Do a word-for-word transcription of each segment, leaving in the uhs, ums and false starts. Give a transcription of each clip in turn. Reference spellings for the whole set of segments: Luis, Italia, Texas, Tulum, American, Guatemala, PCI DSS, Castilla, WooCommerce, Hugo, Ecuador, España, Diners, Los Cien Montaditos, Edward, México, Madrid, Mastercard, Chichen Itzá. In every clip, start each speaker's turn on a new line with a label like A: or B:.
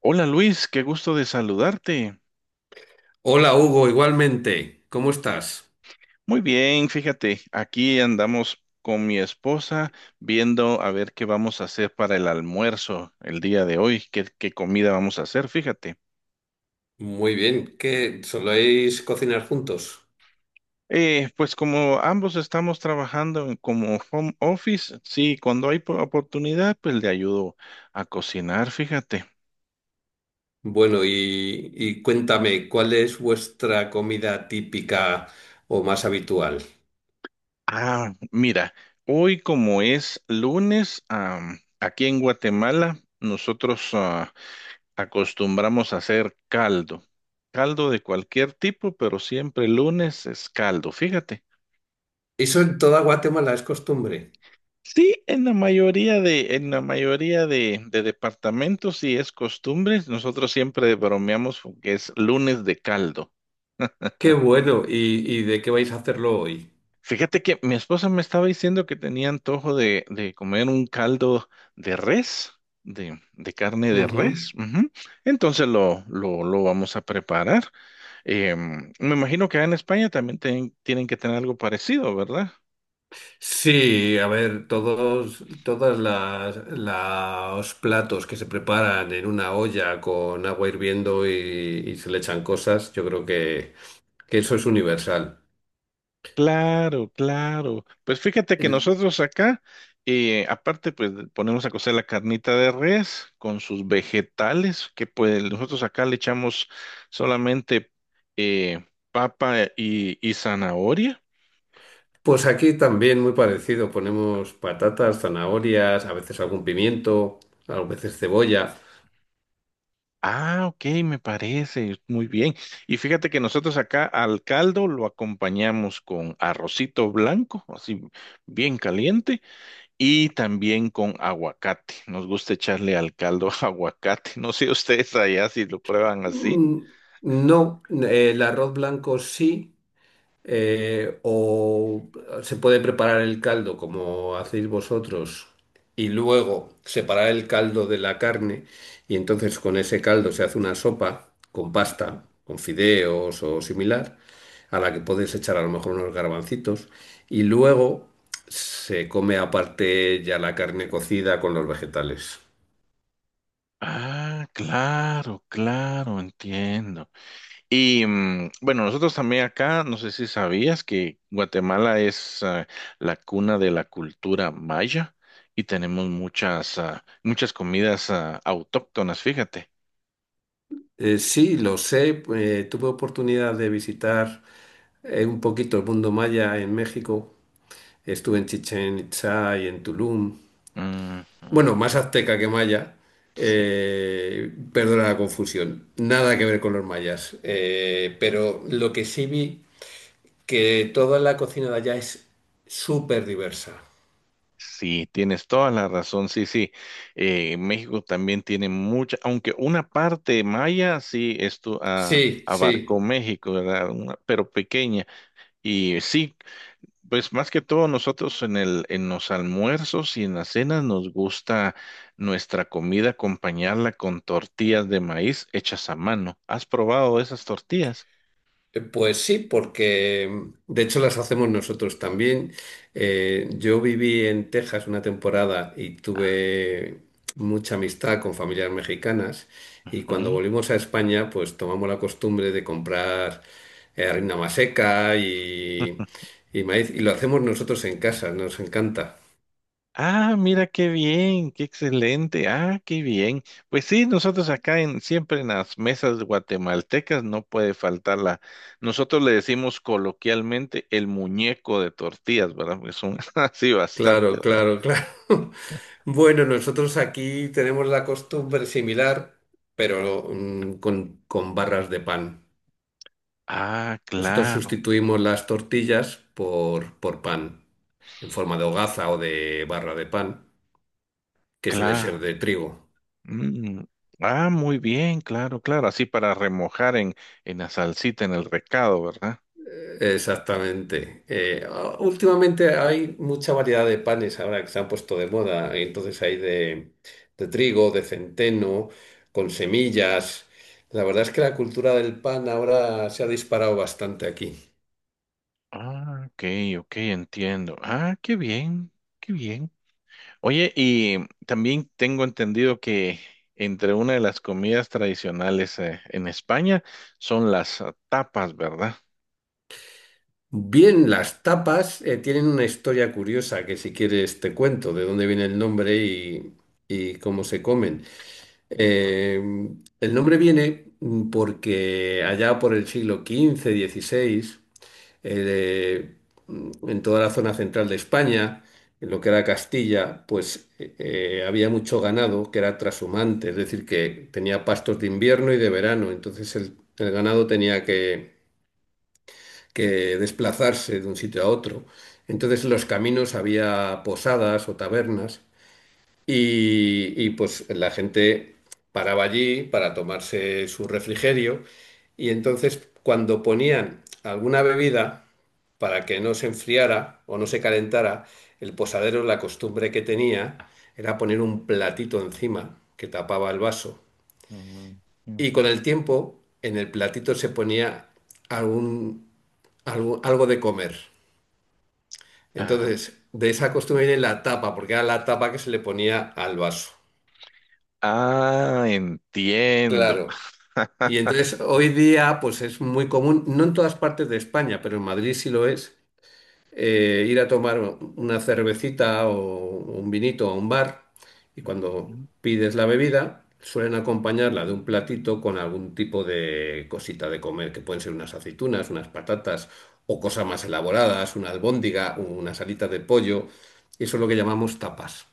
A: Hola Luis, qué gusto de saludarte.
B: Hola Hugo, igualmente. ¿Cómo estás?
A: Muy bien, fíjate, aquí andamos con mi esposa viendo a ver qué vamos a hacer para el almuerzo el día de hoy, qué, qué comida vamos a hacer, fíjate.
B: Muy bien, ¿qué soléis cocinar juntos?
A: Eh, pues como ambos estamos trabajando en- como home office, sí, cuando hay po- oportunidad, pues le ayudo a cocinar, fíjate.
B: Bueno, y, y cuéntame, ¿cuál es vuestra comida típica o más habitual?
A: Ah, mira, hoy como es lunes, am, aquí en Guatemala, nosotros ah, acostumbramos a hacer caldo. Caldo de cualquier tipo, pero siempre el lunes es caldo. Fíjate.
B: Eso en toda Guatemala es costumbre.
A: Sí, en la mayoría de, en la mayoría de de departamentos sí es costumbre. Nosotros siempre bromeamos con que es lunes de caldo.
B: Qué bueno. ¿Y, y de qué vais a hacerlo hoy?
A: Fíjate que mi esposa me estaba diciendo que tenía antojo de, de comer un caldo de res, de, de carne de
B: Ujú.
A: res. Ujú. Entonces lo, lo, lo vamos a preparar. Em, me imagino que en España también ten- tienen que tener algo parecido, ¿verdad?
B: Sí, a ver, todos, todas las, los platos que se preparan en una olla con agua hirviendo y, y se le echan cosas, yo creo que, que eso es universal.
A: Claro, claro. Pues fíjate que
B: El-
A: nosotros acá, eh, aparte, pues ponemos a cocer la carnita de res con sus vegetales, que pues nosotros acá le echamos solamente eh, papa y, y zanahoria.
B: Pues aquí también muy parecido, ponemos patatas, zanahorias, a veces algún pimiento, a veces cebolla.
A: Ah, ok, me parece, muy bien. Y fíjate que nosotros acá al caldo lo acompañamos con arrocito blanco, así bien caliente. Y también con aguacate. Nos gusta echarle al caldo aguacate. No sé ustedes allá si lo prueban así.
B: Mm, No, eh, el arroz blanco sí. eh, o se puede preparar el caldo como hacéis vosotros y luego separar el caldo de la carne y entonces con ese caldo se hace una sopa con pasta, con fideos o similar, a la que podéis echar a lo mejor unos garbancitos y luego se come aparte ya la carne cocida con los vegetales.
A: Ah, claro, claro, entiendo. Y mm, bueno, nosotros también acá, no sé si sabías que Guatemala es ah, la cuna de la cultura maya y tenemos muchas, ah, muchas comidas ah, autóctonas, fíjate.
B: Eh, sí, lo sé, eh, tuve oportunidad de visitar eh, un poquito el mundo maya en México. Estuve en Chichen Itzá y en Tulum.
A: Ujú,
B: Bueno, más azteca que maya.
A: sí.
B: Eh, perdona la confusión. Nada que ver con los mayas. Eh, pero lo que sí vi, que toda la cocina de allá es súper diversa.
A: Sí, tienes toda la razón, sí, sí. Eh, México también tiene mucha, aunque una parte maya, sí, esto ah,
B: Sí,
A: abarcó
B: sí.
A: México, ¿verdad? Una- pero pequeña. Y sí, pues más que todo nosotros en el, en los almuerzos y en las cenas nos gusta nuestra comida acompañarla con tortillas de maíz hechas a mano. ¿Has probado esas tortillas?
B: Eh, Pues sí, porque mm, de hecho las hacemos nosotros también. Eh, yo viví en Texas una temporada y tuve mucha amistad con familias mexicanas y cuando
A: Ujú.
B: volvimos a España pues tomamos la costumbre de comprar eh, harina maseca y, y maíz y lo hacemos nosotros en casa, nos encanta.
A: Ah, mira qué bien, qué excelente. Ah, qué bien. Pues sí, nosotros acá en siempre en las mesas guatemaltecas no puede faltar la. Nosotros le decimos coloquialmente el muñeco de tortillas, ¿verdad? Porque son así bastante,
B: Claro,
A: ¿verdad?
B: claro, claro. Bueno, nosotros aquí tenemos la costumbre similar, pero mm, con con barras de pan.
A: Ah,
B: Nosotros
A: claro,
B: sustituimos las tortillas por, por pan, en forma de hogaza o de barra de pan, que suele ser
A: claro.
B: de trigo.
A: Mm. Ah, muy bien, claro, claro. Así para remojar en en la salsita, en el recado, ¿verdad?
B: Exactamente. Eh, ah, últimamente hay mucha variedad de panes ahora que se han puesto de moda. y Entonces hay de, de trigo, de centeno, con semillas. La verdad es que la cultura del pan ahora se ha disparado bastante aquí.
A: Ah, ok, ok, entiendo. Ah, qué bien, qué bien. Oye, y también tengo entendido que entre una de las comidas tradicionales eh, en España son las ah, tapas, ¿verdad?
B: Bien, las tapas eh, tienen una historia curiosa que si quieres te cuento de dónde viene el nombre y, y cómo se comen. Eh, el nombre viene mm, porque allá por el siglo quince, dieciséis, eh, mm, en toda la zona central de España, en lo que era Castilla, pues eh, eh, había mucho ganado que era trashumante, es decir, que tenía pastos de invierno y de verano, entonces el el ganado tenía que que desplazarse de un sitio a otro. Entonces en los caminos había posadas o tabernas y, y, pues la gente paraba allí para tomarse su refrigerio y entonces cuando ponían alguna bebida para que no se enfriara o no se calentara, el posadero la costumbre que tenía era poner un platito encima que tapaba el vaso,
A: Ujú, ujú.
B: y con el tiempo en el platito se ponía algún, algo algo de comer.
A: Ah,
B: Entonces, de esa costumbre viene la tapa, porque era la tapa que se le ponía al vaso.
A: ah, entiendo.
B: Claro. Y entonces hoy día, pues es muy común, no en todas partes de España, pero en Madrid sí lo es, eh, ir a tomar una cervecita o un vinito a un bar y
A: Ujú.
B: cuando pides la bebida suelen acompañarla de un platito con algún tipo de cosita de comer, que pueden ser unas aceitunas, unas patatas o cosas más elaboradas, una albóndiga, unas alitas de pollo. Eso es lo que llamamos tapas,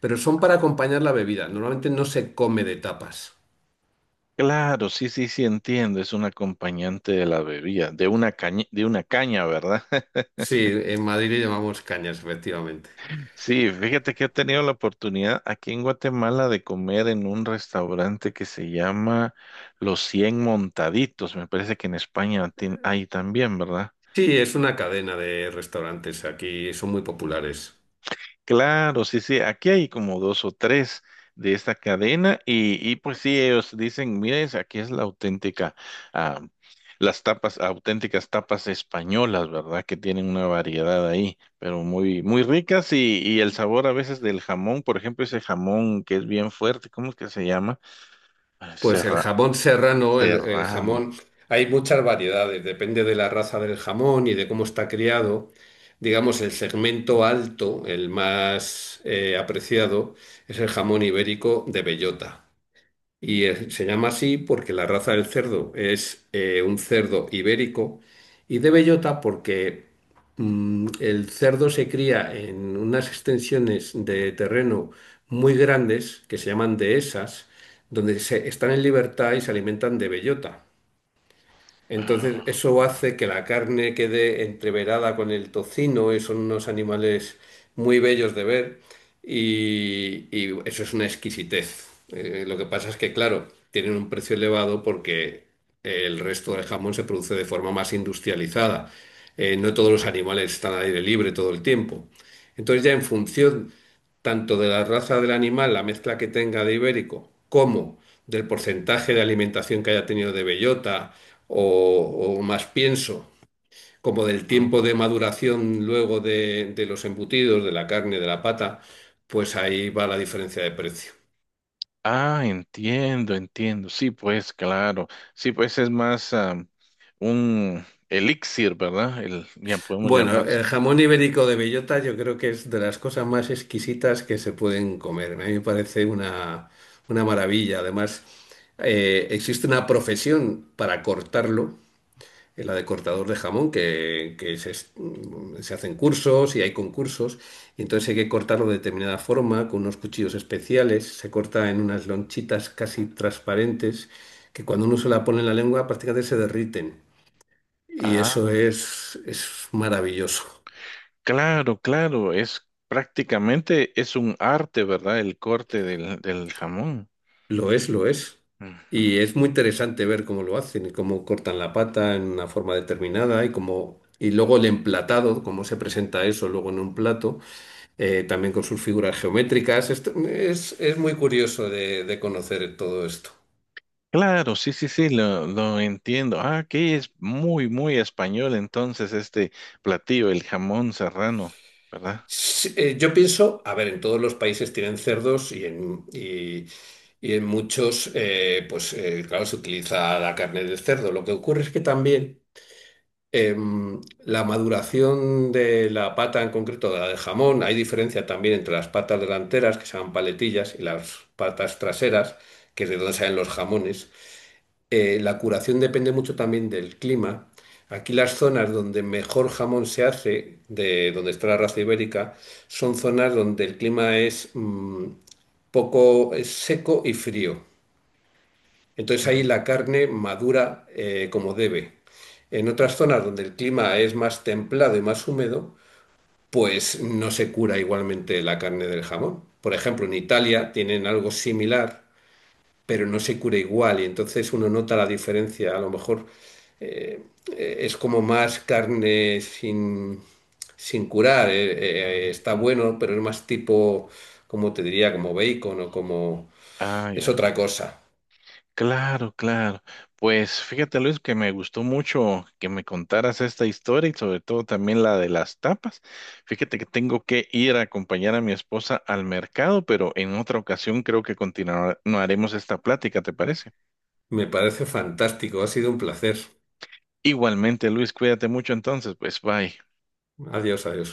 B: pero son para acompañar la bebida. Normalmente no se come de tapas.
A: Claro, sí, sí, sí, entiendo. Es un acompañante de la bebida, de una caña, de una caña, ¿verdad?
B: Sí, en Madrid le llamamos cañas, efectivamente.
A: Sí, fíjate que he tenido la oportunidad aquí en Guatemala de comer en un restaurante que se llama Los Cien Montaditos. Me parece que en España tien- hay también, ¿verdad?
B: Sí, es una cadena de restaurantes aquí, son muy populares.
A: Claro, sí, sí, aquí hay como dos o tres de esta cadena y, y pues sí, ellos dicen, miren, aquí es la auténtica, ah, las tapas, auténticas tapas españolas, ¿verdad? Que tienen una variedad ahí, pero muy, muy ricas y, y el sabor a veces del jamón, por ejemplo, ese jamón que es bien fuerte, ¿cómo es que se llama? Ah,
B: Pues el
A: Serra,
B: jamón serrano, el, el
A: serrano.
B: jamón, hay muchas variedades, depende de la raza del jamón y de cómo está criado. Digamos, el segmento alto, el más eh, apreciado, es el jamón ibérico de bellota. Y eh, se llama así porque la raza del cerdo es eh, un cerdo ibérico y de bellota porque mm, el cerdo se cría en unas extensiones de terreno muy grandes que se llaman dehesas, donde se, están en libertad y se alimentan de bellota. Entonces, eso hace que la carne quede entreverada con el tocino, y son unos animales muy bellos de ver, y, y eso es una exquisitez. Eh, lo que pasa es que, claro, tienen un precio elevado porque el resto del jamón se produce de forma más industrializada. Eh, no todos los animales están al aire libre todo el tiempo. Entonces, ya en función tanto de la raza del animal, la mezcla que tenga de ibérico, como del porcentaje de alimentación que haya tenido de bellota o, o más pienso, como del tiempo de maduración luego de, de los embutidos, de la carne, de la pata, pues ahí va la diferencia de precio.
A: Ah, entiendo, entiendo. Sí, pues claro. Sí, pues es más am, un elixir, ¿verdad? El, ya podemos
B: Bueno,
A: llamar
B: el
A: eso.
B: jamón ibérico de bellota yo creo que es de las cosas más exquisitas que se pueden comer. A mí me parece una, una maravilla. Además, eh, existe una profesión para cortarlo, la de cortador de jamón, que, que se, es- mm, se hacen cursos y hay concursos, y entonces hay que cortarlo de determinada forma, con unos cuchillos especiales, se corta en unas lonchitas casi transparentes, que cuando uno se la pone en la lengua prácticamente se derriten. Y eso
A: Ah,
B: es, es maravilloso.
A: claro, claro. Es prácticamente es un arte, ¿verdad? El corte del, del jamón.
B: Lo es, lo es. Y
A: Ujú.
B: es muy interesante ver cómo lo hacen y cómo cortan la pata en una forma determinada y cómo, y luego el emplatado, cómo se presenta eso luego en un plato. eh, también con sus figuras geométricas. Esto es, es muy curioso de, de conocer todo esto.
A: Claro, sí, sí, sí, lo, lo entiendo. Ah, que es muy, muy español entonces este platillo, el jamón serrano, ¿verdad?
B: Sí, eh, yo pienso, a ver, en todos los países tienen cerdos y en, y, y en muchos, eh, pues eh, claro, se utiliza la carne del cerdo. Lo que ocurre es que también em, la maduración de la pata, en concreto de la de jamón, hay diferencia también entre las patas delanteras, que se llaman paletillas, y las patas traseras, que es de donde salen los jamones. Eh, la curación depende mucho también del clima. Aquí las zonas donde mejor jamón se hace, de donde está la raza ibérica, son zonas donde el clima es mm, poco es seco y frío. Entonces ahí
A: Ujú,
B: la carne madura eh, como debe. En otras zonas donde el clima es más templado y más húmedo, pues no se cura igualmente la carne del jamón. Por ejemplo, en Italia tienen algo similar, pero no se cura igual y entonces uno nota la diferencia. A lo mejor eh, eh, es como más carne sin, sin curar, eh, eh, está
A: ujú.
B: bueno, pero es más tipo, como te diría, como bacon o como...
A: Ah,
B: es
A: ya.
B: otra cosa.
A: Claro, claro. Pues fíjate, Luis, que me gustó mucho que me contaras esta historia y sobre todo también la de las tapas. Fíjate que tengo que ir a acompañar a mi esposa al mercado, pero en otra ocasión creo que continuaremos esta plática, ¿te parece?
B: Me parece fantástico, ha sido un placer.
A: Igualmente, Luis, cuídate mucho entonces, pues bye.
B: Adiós, adiós.